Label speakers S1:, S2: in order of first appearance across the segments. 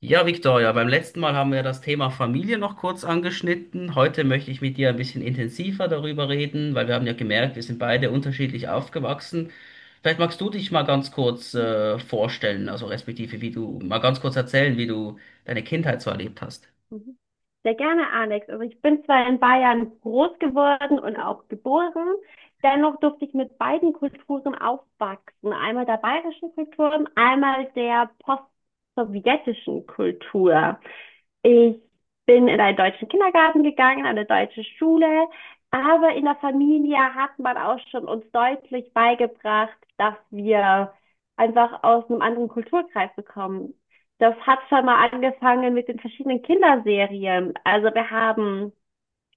S1: Ja, Victoria, beim letzten Mal haben wir das Thema Familie noch kurz angeschnitten. Heute möchte ich mit dir ein bisschen intensiver darüber reden, weil wir haben ja gemerkt, wir sind beide unterschiedlich aufgewachsen. Vielleicht magst du dich mal ganz kurz vorstellen, also respektive wie du, mal ganz kurz erzählen, wie du deine Kindheit so erlebt hast.
S2: Mhm. Sehr gerne, Alex. Also ich bin zwar in Bayern groß geworden und auch geboren, dennoch durfte ich mit beiden Kulturen aufwachsen. Einmal der bayerischen Kultur und einmal der post-sowjetischen Kultur. Ich bin in einen deutschen Kindergarten gegangen, eine deutsche Schule, aber in der Familie hat man auch schon uns deutlich beigebracht, dass wir einfach aus einem anderen Kulturkreis bekommen. Das hat schon mal angefangen mit den verschiedenen Kinderserien. Also wir haben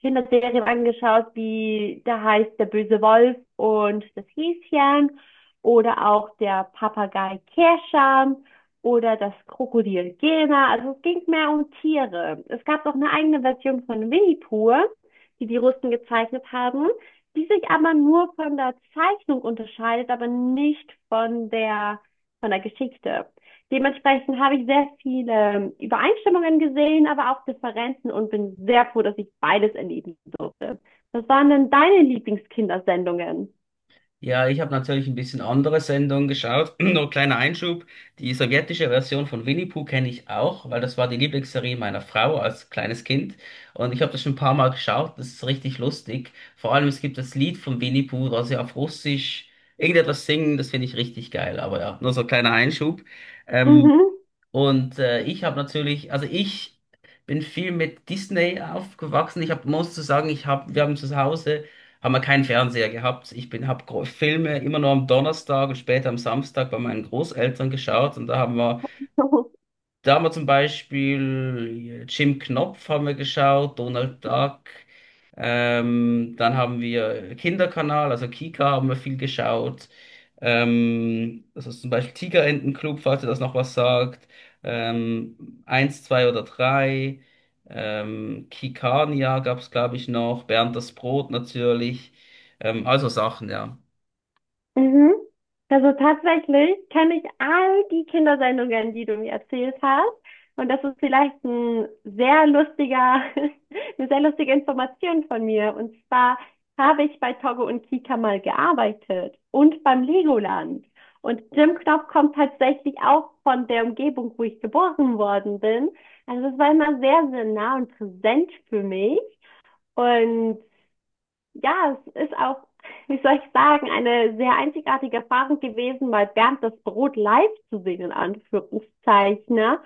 S2: Kinderserien angeschaut, wie da heißt der böse Wolf und das Häschen oder auch der Papagei Kerschan oder das Krokodil Gena. Also es ging mehr um Tiere. Es gab auch eine eigene Version von Winnie Pooh, die die Russen gezeichnet haben, die sich aber nur von der Zeichnung unterscheidet, aber nicht von der Geschichte. Dementsprechend habe ich sehr viele Übereinstimmungen gesehen, aber auch Differenzen und bin sehr froh, dass ich beides erleben durfte. Was waren denn deine Lieblingskindersendungen?
S1: Ja, ich habe natürlich ein bisschen andere Sendungen geschaut. Nur kleiner Einschub. Die sowjetische Version von Winnie Pooh kenne ich auch, weil das war die Lieblingsserie meiner Frau als kleines Kind. Und ich habe das schon ein paar Mal geschaut. Das ist richtig lustig. Vor allem, es gibt das Lied von Winnie Pooh, da sie auf Russisch irgendetwas singen. Das finde ich richtig geil. Aber ja, nur so ein kleiner Einschub. Ähm,
S2: Mhm.
S1: und ich habe natürlich, also ich bin viel mit Disney aufgewachsen. Ich hab, muss zu sagen, wir haben zu Hause haben wir keinen Fernseher gehabt. Habe Filme immer nur am Donnerstag und später am Samstag bei meinen Großeltern geschaut, und da haben wir da haben wir zum Beispiel Jim Knopf haben wir geschaut, Donald Duck. Dann haben wir Kinderkanal, also Kika haben wir viel geschaut. Das ist zum Beispiel Tigerentenclub, falls ihr das noch was sagt. Eins, zwei oder drei. Kikania gab es, glaube ich, noch. Bernd das Brot natürlich. Also Sachen, ja.
S2: Mhm. Also tatsächlich kenne ich all die Kindersendungen, die du mir erzählt hast. Und das ist vielleicht eine sehr lustige Information von mir. Und zwar habe ich bei Togo und Kika mal gearbeitet und beim Legoland. Und Jim Knopf kommt tatsächlich auch von der Umgebung, wo ich geboren worden bin. Also es war immer sehr, sehr nah und präsent für mich. Und ja, es ist auch, wie soll ich sagen, eine sehr einzigartige Erfahrung gewesen, mal Bernd das Brot live zu sehen, in Anführungszeichen, ne?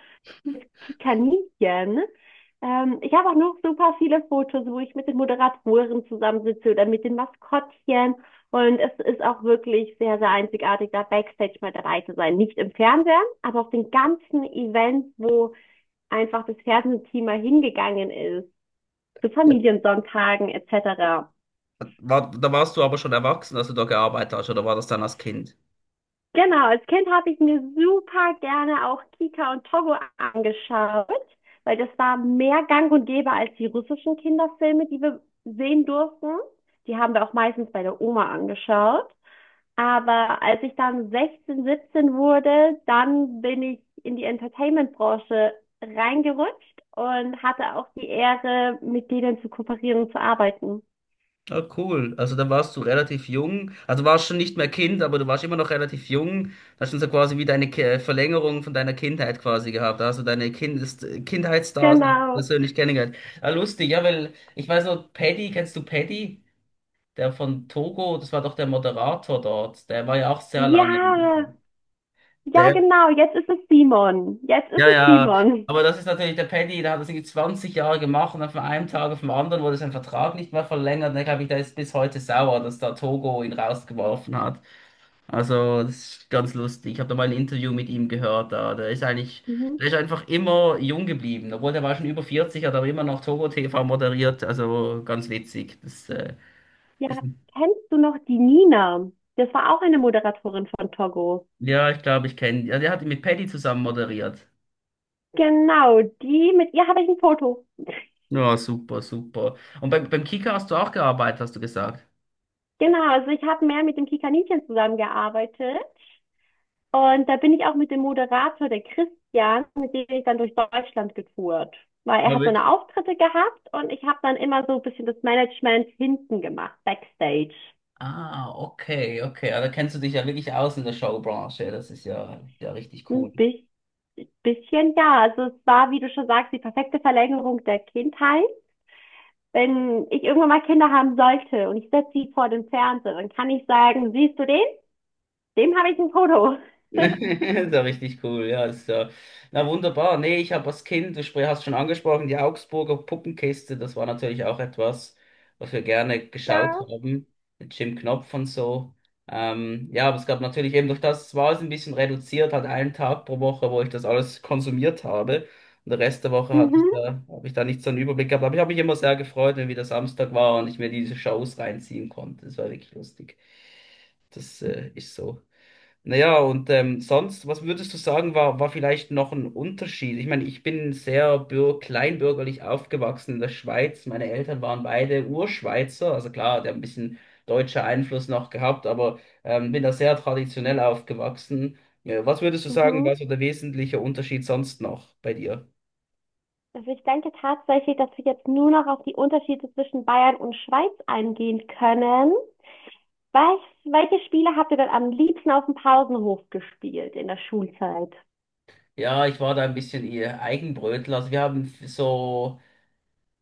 S2: Die Kaninchen. Ich habe auch noch super viele Fotos, wo ich mit den Moderatoren zusammensitze oder mit den Maskottchen. Und es ist auch wirklich sehr, sehr einzigartig, da Backstage mal dabei zu sein. Nicht im Fernsehen, aber auf den ganzen Events, wo einfach das Fernsehteam mal hingegangen ist, zu
S1: Ja.
S2: Familiensonntagen etc.
S1: Da warst du aber schon erwachsen, als du da gearbeitet hast, oder war das dann als Kind?
S2: Genau, als Kind habe ich mir super gerne auch Kika und Togo angeschaut, weil das war mehr Gang und Gäbe als die russischen Kinderfilme, die wir sehen durften. Die haben wir auch meistens bei der Oma angeschaut. Aber als ich dann 16, 17 wurde, dann bin ich in die Entertainment-Branche reingerutscht und hatte auch die Ehre, mit denen zu kooperieren und zu arbeiten.
S1: Ah, cool. Also da warst du relativ jung. Also warst schon nicht mehr Kind, aber du warst immer noch relativ jung. Da hast du so quasi wie deine Verlängerung von deiner Kindheit quasi gehabt. Da hast du deine Kindes Kindheitsstars auch
S2: Genau.
S1: persönlich kennengelernt. Ah, lustig, ja, weil ich weiß noch, Paddy, kennst du Paddy? Der von Togo, das war doch der Moderator dort. Der war ja auch sehr
S2: Ja,
S1: lange. Im
S2: ja, genau. Jetzt ist es Simon. Jetzt ist
S1: Ja,
S2: es
S1: ja,
S2: Simon.
S1: aber das ist natürlich der Paddy, der hat das irgendwie 20 Jahre gemacht und dann von einem Tag auf den anderen wurde sein Vertrag nicht mehr verlängert. Und dann, glaube ich, der ist bis heute sauer, dass da Togo ihn rausgeworfen hat. Also, das ist ganz lustig. Ich habe da mal ein Interview mit ihm gehört. Da. Der ist eigentlich,
S2: Mhm.
S1: der ist einfach immer jung geblieben. Obwohl, der war schon über 40, hat aber immer noch Togo TV moderiert. Also, ganz witzig.
S2: Ja,
S1: Ist, ein-
S2: kennst du noch die Nina? Das war auch eine Moderatorin von Togo.
S1: ja, ich glaube, ich kenne. Ja, der hat ihn mit Paddy zusammen moderiert.
S2: Genau, die, mit ihr habe ich ein Foto.
S1: Ja, super, super. Und beim Kicker hast du auch gearbeitet, hast du gesagt.
S2: Genau, also ich habe mehr mit dem Kikaninchen zusammengearbeitet. Und da bin ich auch mit dem Moderator, der Christian, mit dem bin ich dann durch Deutschland getourt. Weil er
S1: Ja,
S2: hat so
S1: wirklich.
S2: eine Auftritte gehabt und ich habe dann immer so ein bisschen das Management hinten gemacht, Backstage.
S1: Ah, okay, okay. Also kennst du dich ja wirklich aus in der Showbranche. Das ist ja, ja richtig cool.
S2: Ein bi- Bisschen, ja. Also es war, wie du schon sagst, die perfekte Verlängerung der Kindheit. Wenn ich irgendwann mal Kinder haben sollte und ich setze sie vor den Fernseher, dann kann ich sagen, siehst du den? Dem habe ich ein Foto.
S1: Ist ja richtig cool, ja. Das, Ist ja. Na wunderbar. Nee, ich habe als Kind, du hast schon angesprochen, die Augsburger Puppenkiste, das war natürlich auch etwas, was wir gerne geschaut
S2: Ja.
S1: haben, mit Jim Knopf und so. Ja, aber es gab natürlich eben durch das, war es ein bisschen reduziert, hat einen Tag pro Woche, wo ich das alles konsumiert habe. Und den Rest der Woche
S2: Mhm,
S1: habe ich da nicht so einen Überblick gehabt. Aber ich habe mich immer sehr gefreut, wenn wieder Samstag war und ich mir diese Shows reinziehen konnte. Das war wirklich lustig. Das ist so. Naja, und sonst, was würdest du sagen, war, vielleicht noch ein Unterschied? Ich meine, ich bin sehr bür kleinbürgerlich aufgewachsen in der Schweiz. Meine Eltern waren beide Urschweizer. Also klar, der hat ein bisschen deutscher Einfluss noch gehabt, aber bin da sehr traditionell aufgewachsen. Ja, was würdest du sagen,
S2: mhm.
S1: war so der wesentliche Unterschied sonst noch bei dir?
S2: Also ich denke tatsächlich, dass wir jetzt nur noch auf die Unterschiede zwischen Bayern und Schweiz eingehen können. Was, Welche Spiele habt ihr denn am liebsten auf dem Pausenhof gespielt in der Schulzeit?
S1: Ja, ich war da ein bisschen eher Eigenbrötler. Also wir haben so.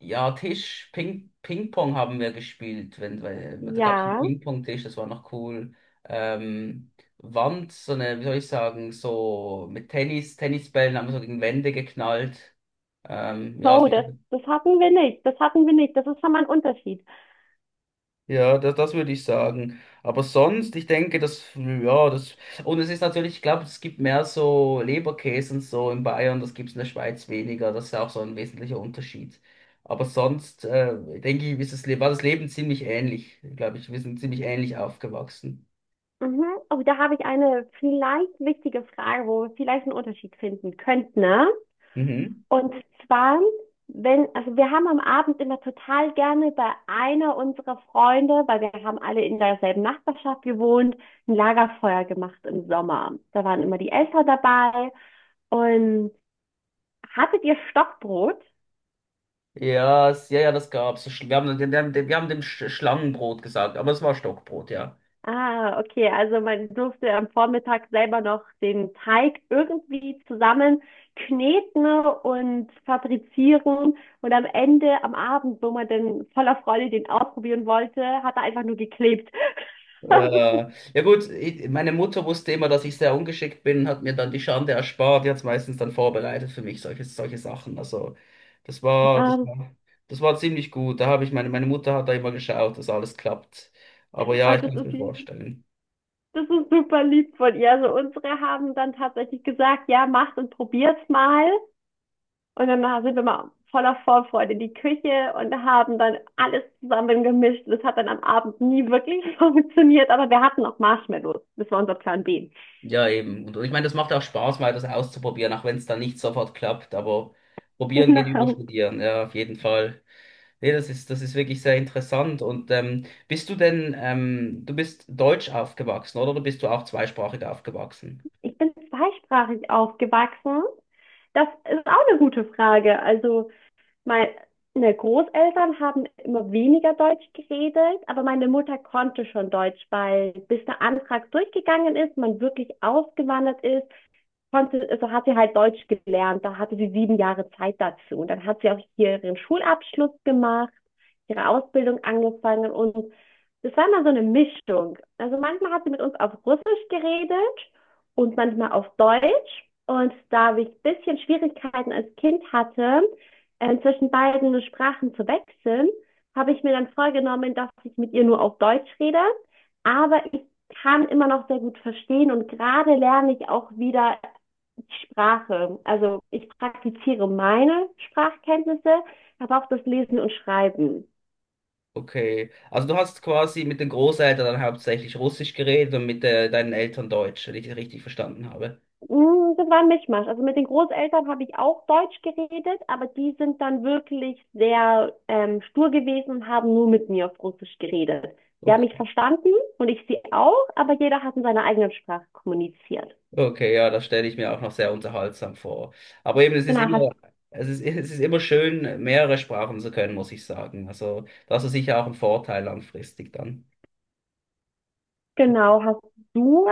S1: Ja, Ping-Pong haben wir gespielt. Wenn, weil, da gab es einen
S2: Ja.
S1: Ping-Pong-Tisch, das war noch cool. Ähm, so eine, wie soll ich sagen, so mit Tennisbällen haben wir so gegen Wände geknallt. Ähm, ja,
S2: Oh,
S1: so
S2: das hatten wir nicht. Das hatten wir nicht. Das ist schon mal ein Unterschied.
S1: Ja, das würde ich sagen. Aber sonst, ich denke, und es ist natürlich, ich glaube, es gibt mehr so Leberkäse und so in Bayern, das gibt es in der Schweiz weniger, das ist ja auch so ein wesentlicher Unterschied. Aber sonst, denke ich, war das Leben ziemlich ähnlich, glaube ich, wir sind ziemlich ähnlich aufgewachsen.
S2: Mhm. Oh, da habe ich eine vielleicht wichtige Frage, wo wir vielleicht einen Unterschied finden könnten, ne?
S1: Mhm.
S2: Und zwar, wenn, also wir haben am Abend immer total gerne bei einer unserer Freunde, weil wir haben alle in derselben Nachbarschaft gewohnt, ein Lagerfeuer gemacht im Sommer. Da waren immer die Eltern dabei. Und hattet ihr Stockbrot?
S1: Ja, ja, ja, das gab's. So wir haben dem Schlangenbrot gesagt, aber es war Stockbrot, ja.
S2: Ah, okay. Also man durfte am Vormittag selber noch den Teig irgendwie zusammen kneten und fabrizieren. Und am Ende, am Abend, wo man dann voller Freude den ausprobieren wollte, hat er einfach nur geklebt. Das ist,
S1: Ja gut, meine Mutter wusste immer, dass ich sehr ungeschickt bin, hat mir dann die Schande erspart, die hat es meistens dann vorbereitet für mich, solche Sachen. Also das war, das
S2: ähm,
S1: war, das war ziemlich gut. Da habe ich meine Mutter hat da immer geschaut, dass alles klappt. Aber ja, ich
S2: und
S1: kann es mir vorstellen.
S2: das ist super lieb von ihr. Also unsere haben dann tatsächlich gesagt, ja, macht und probiert's mal. Und dann sind wir mal voller Vorfreude in die Küche und haben dann alles zusammen gemischt. Das hat dann am Abend nie wirklich funktioniert, aber wir hatten auch Marshmallows. Das war unser Plan B.
S1: Ja, eben. Und ich meine, das macht auch Spaß, mal das auszuprobieren, auch wenn es dann nicht sofort klappt. Aber probieren geht über
S2: Genau.
S1: studieren, ja, auf jeden Fall. Nee, das ist wirklich sehr interessant. Und bist du denn, du bist deutsch aufgewachsen, oder? Oder bist du auch zweisprachig aufgewachsen?
S2: Ich bin zweisprachig aufgewachsen. Das ist auch eine gute Frage. Also meine Großeltern haben immer weniger Deutsch geredet, aber meine Mutter konnte schon Deutsch, weil bis der Antrag durchgegangen ist, man wirklich ausgewandert ist, konnte, also hat sie halt Deutsch gelernt, da hatte sie 7 Jahre Zeit dazu. Und dann hat sie auch hier ihren Schulabschluss gemacht, ihre Ausbildung angefangen und das war immer so eine Mischung. Also manchmal hat sie mit uns auf Russisch geredet und manchmal auf Deutsch. Und da ich ein bisschen Schwierigkeiten als Kind hatte, zwischen beiden Sprachen zu wechseln, habe ich mir dann vorgenommen, dass ich mit ihr nur auf Deutsch rede. Aber ich kann immer noch sehr gut verstehen und gerade lerne ich auch wieder Sprache. Also ich praktiziere meine Sprachkenntnisse, aber auch das Lesen und Schreiben.
S1: Okay. Also du hast quasi mit den Großeltern dann hauptsächlich Russisch geredet und mit deinen Eltern Deutsch, wenn ich das richtig verstanden habe.
S2: Das war ein Mischmasch. Also mit den Großeltern habe ich auch Deutsch geredet, aber die sind dann wirklich sehr stur gewesen und haben nur mit mir auf Russisch geredet. Die haben
S1: Okay,
S2: mich verstanden und ich sie auch, aber jeder hat in seiner eigenen Sprache kommuniziert.
S1: okay, ja, das stelle ich mir auch noch sehr unterhaltsam vor. Aber eben, es ist
S2: Genau.
S1: immer, es ist, es ist immer schön, mehrere Sprachen zu können, muss ich sagen. Also das ist sicher auch ein Vorteil langfristig dann.
S2: Genau, hast du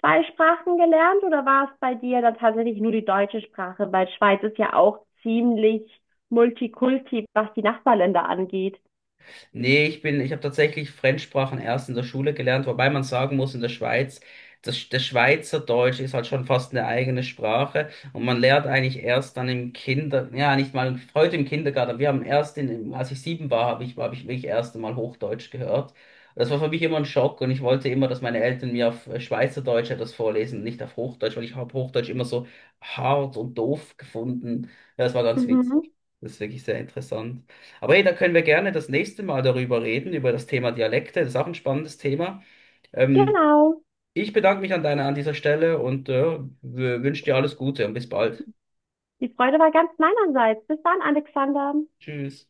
S2: zwei Sprachen gelernt oder war es bei dir dann tatsächlich nur die deutsche Sprache? Weil Schweiz ist ja auch ziemlich Multikulti, was die Nachbarländer angeht.
S1: Nee, ich habe tatsächlich Fremdsprachen erst in der Schule gelernt, wobei man sagen muss, in der Schweiz, das Schweizerdeutsch ist halt schon fast eine eigene Sprache und man lernt eigentlich erst dann ja, nicht mal heute im Kindergarten. Wir haben als ich 7 war, habe ich wirklich erst einmal Hochdeutsch gehört. Das war für mich immer ein Schock, und ich wollte immer, dass meine Eltern mir auf Schweizerdeutsch etwas vorlesen, nicht auf Hochdeutsch, weil ich habe Hochdeutsch immer so hart und doof gefunden. Ja, das war ganz witzig.
S2: Mhm,
S1: Das ist wirklich sehr interessant. Aber hey, da können wir gerne das nächste Mal darüber reden, über das Thema Dialekte. Das ist auch ein spannendes Thema. Ähm,
S2: genau.
S1: ich bedanke mich an dieser Stelle und wünsche dir alles Gute und bis bald.
S2: Die Freude war ganz meinerseits. Bis dann, Alexander.
S1: Tschüss.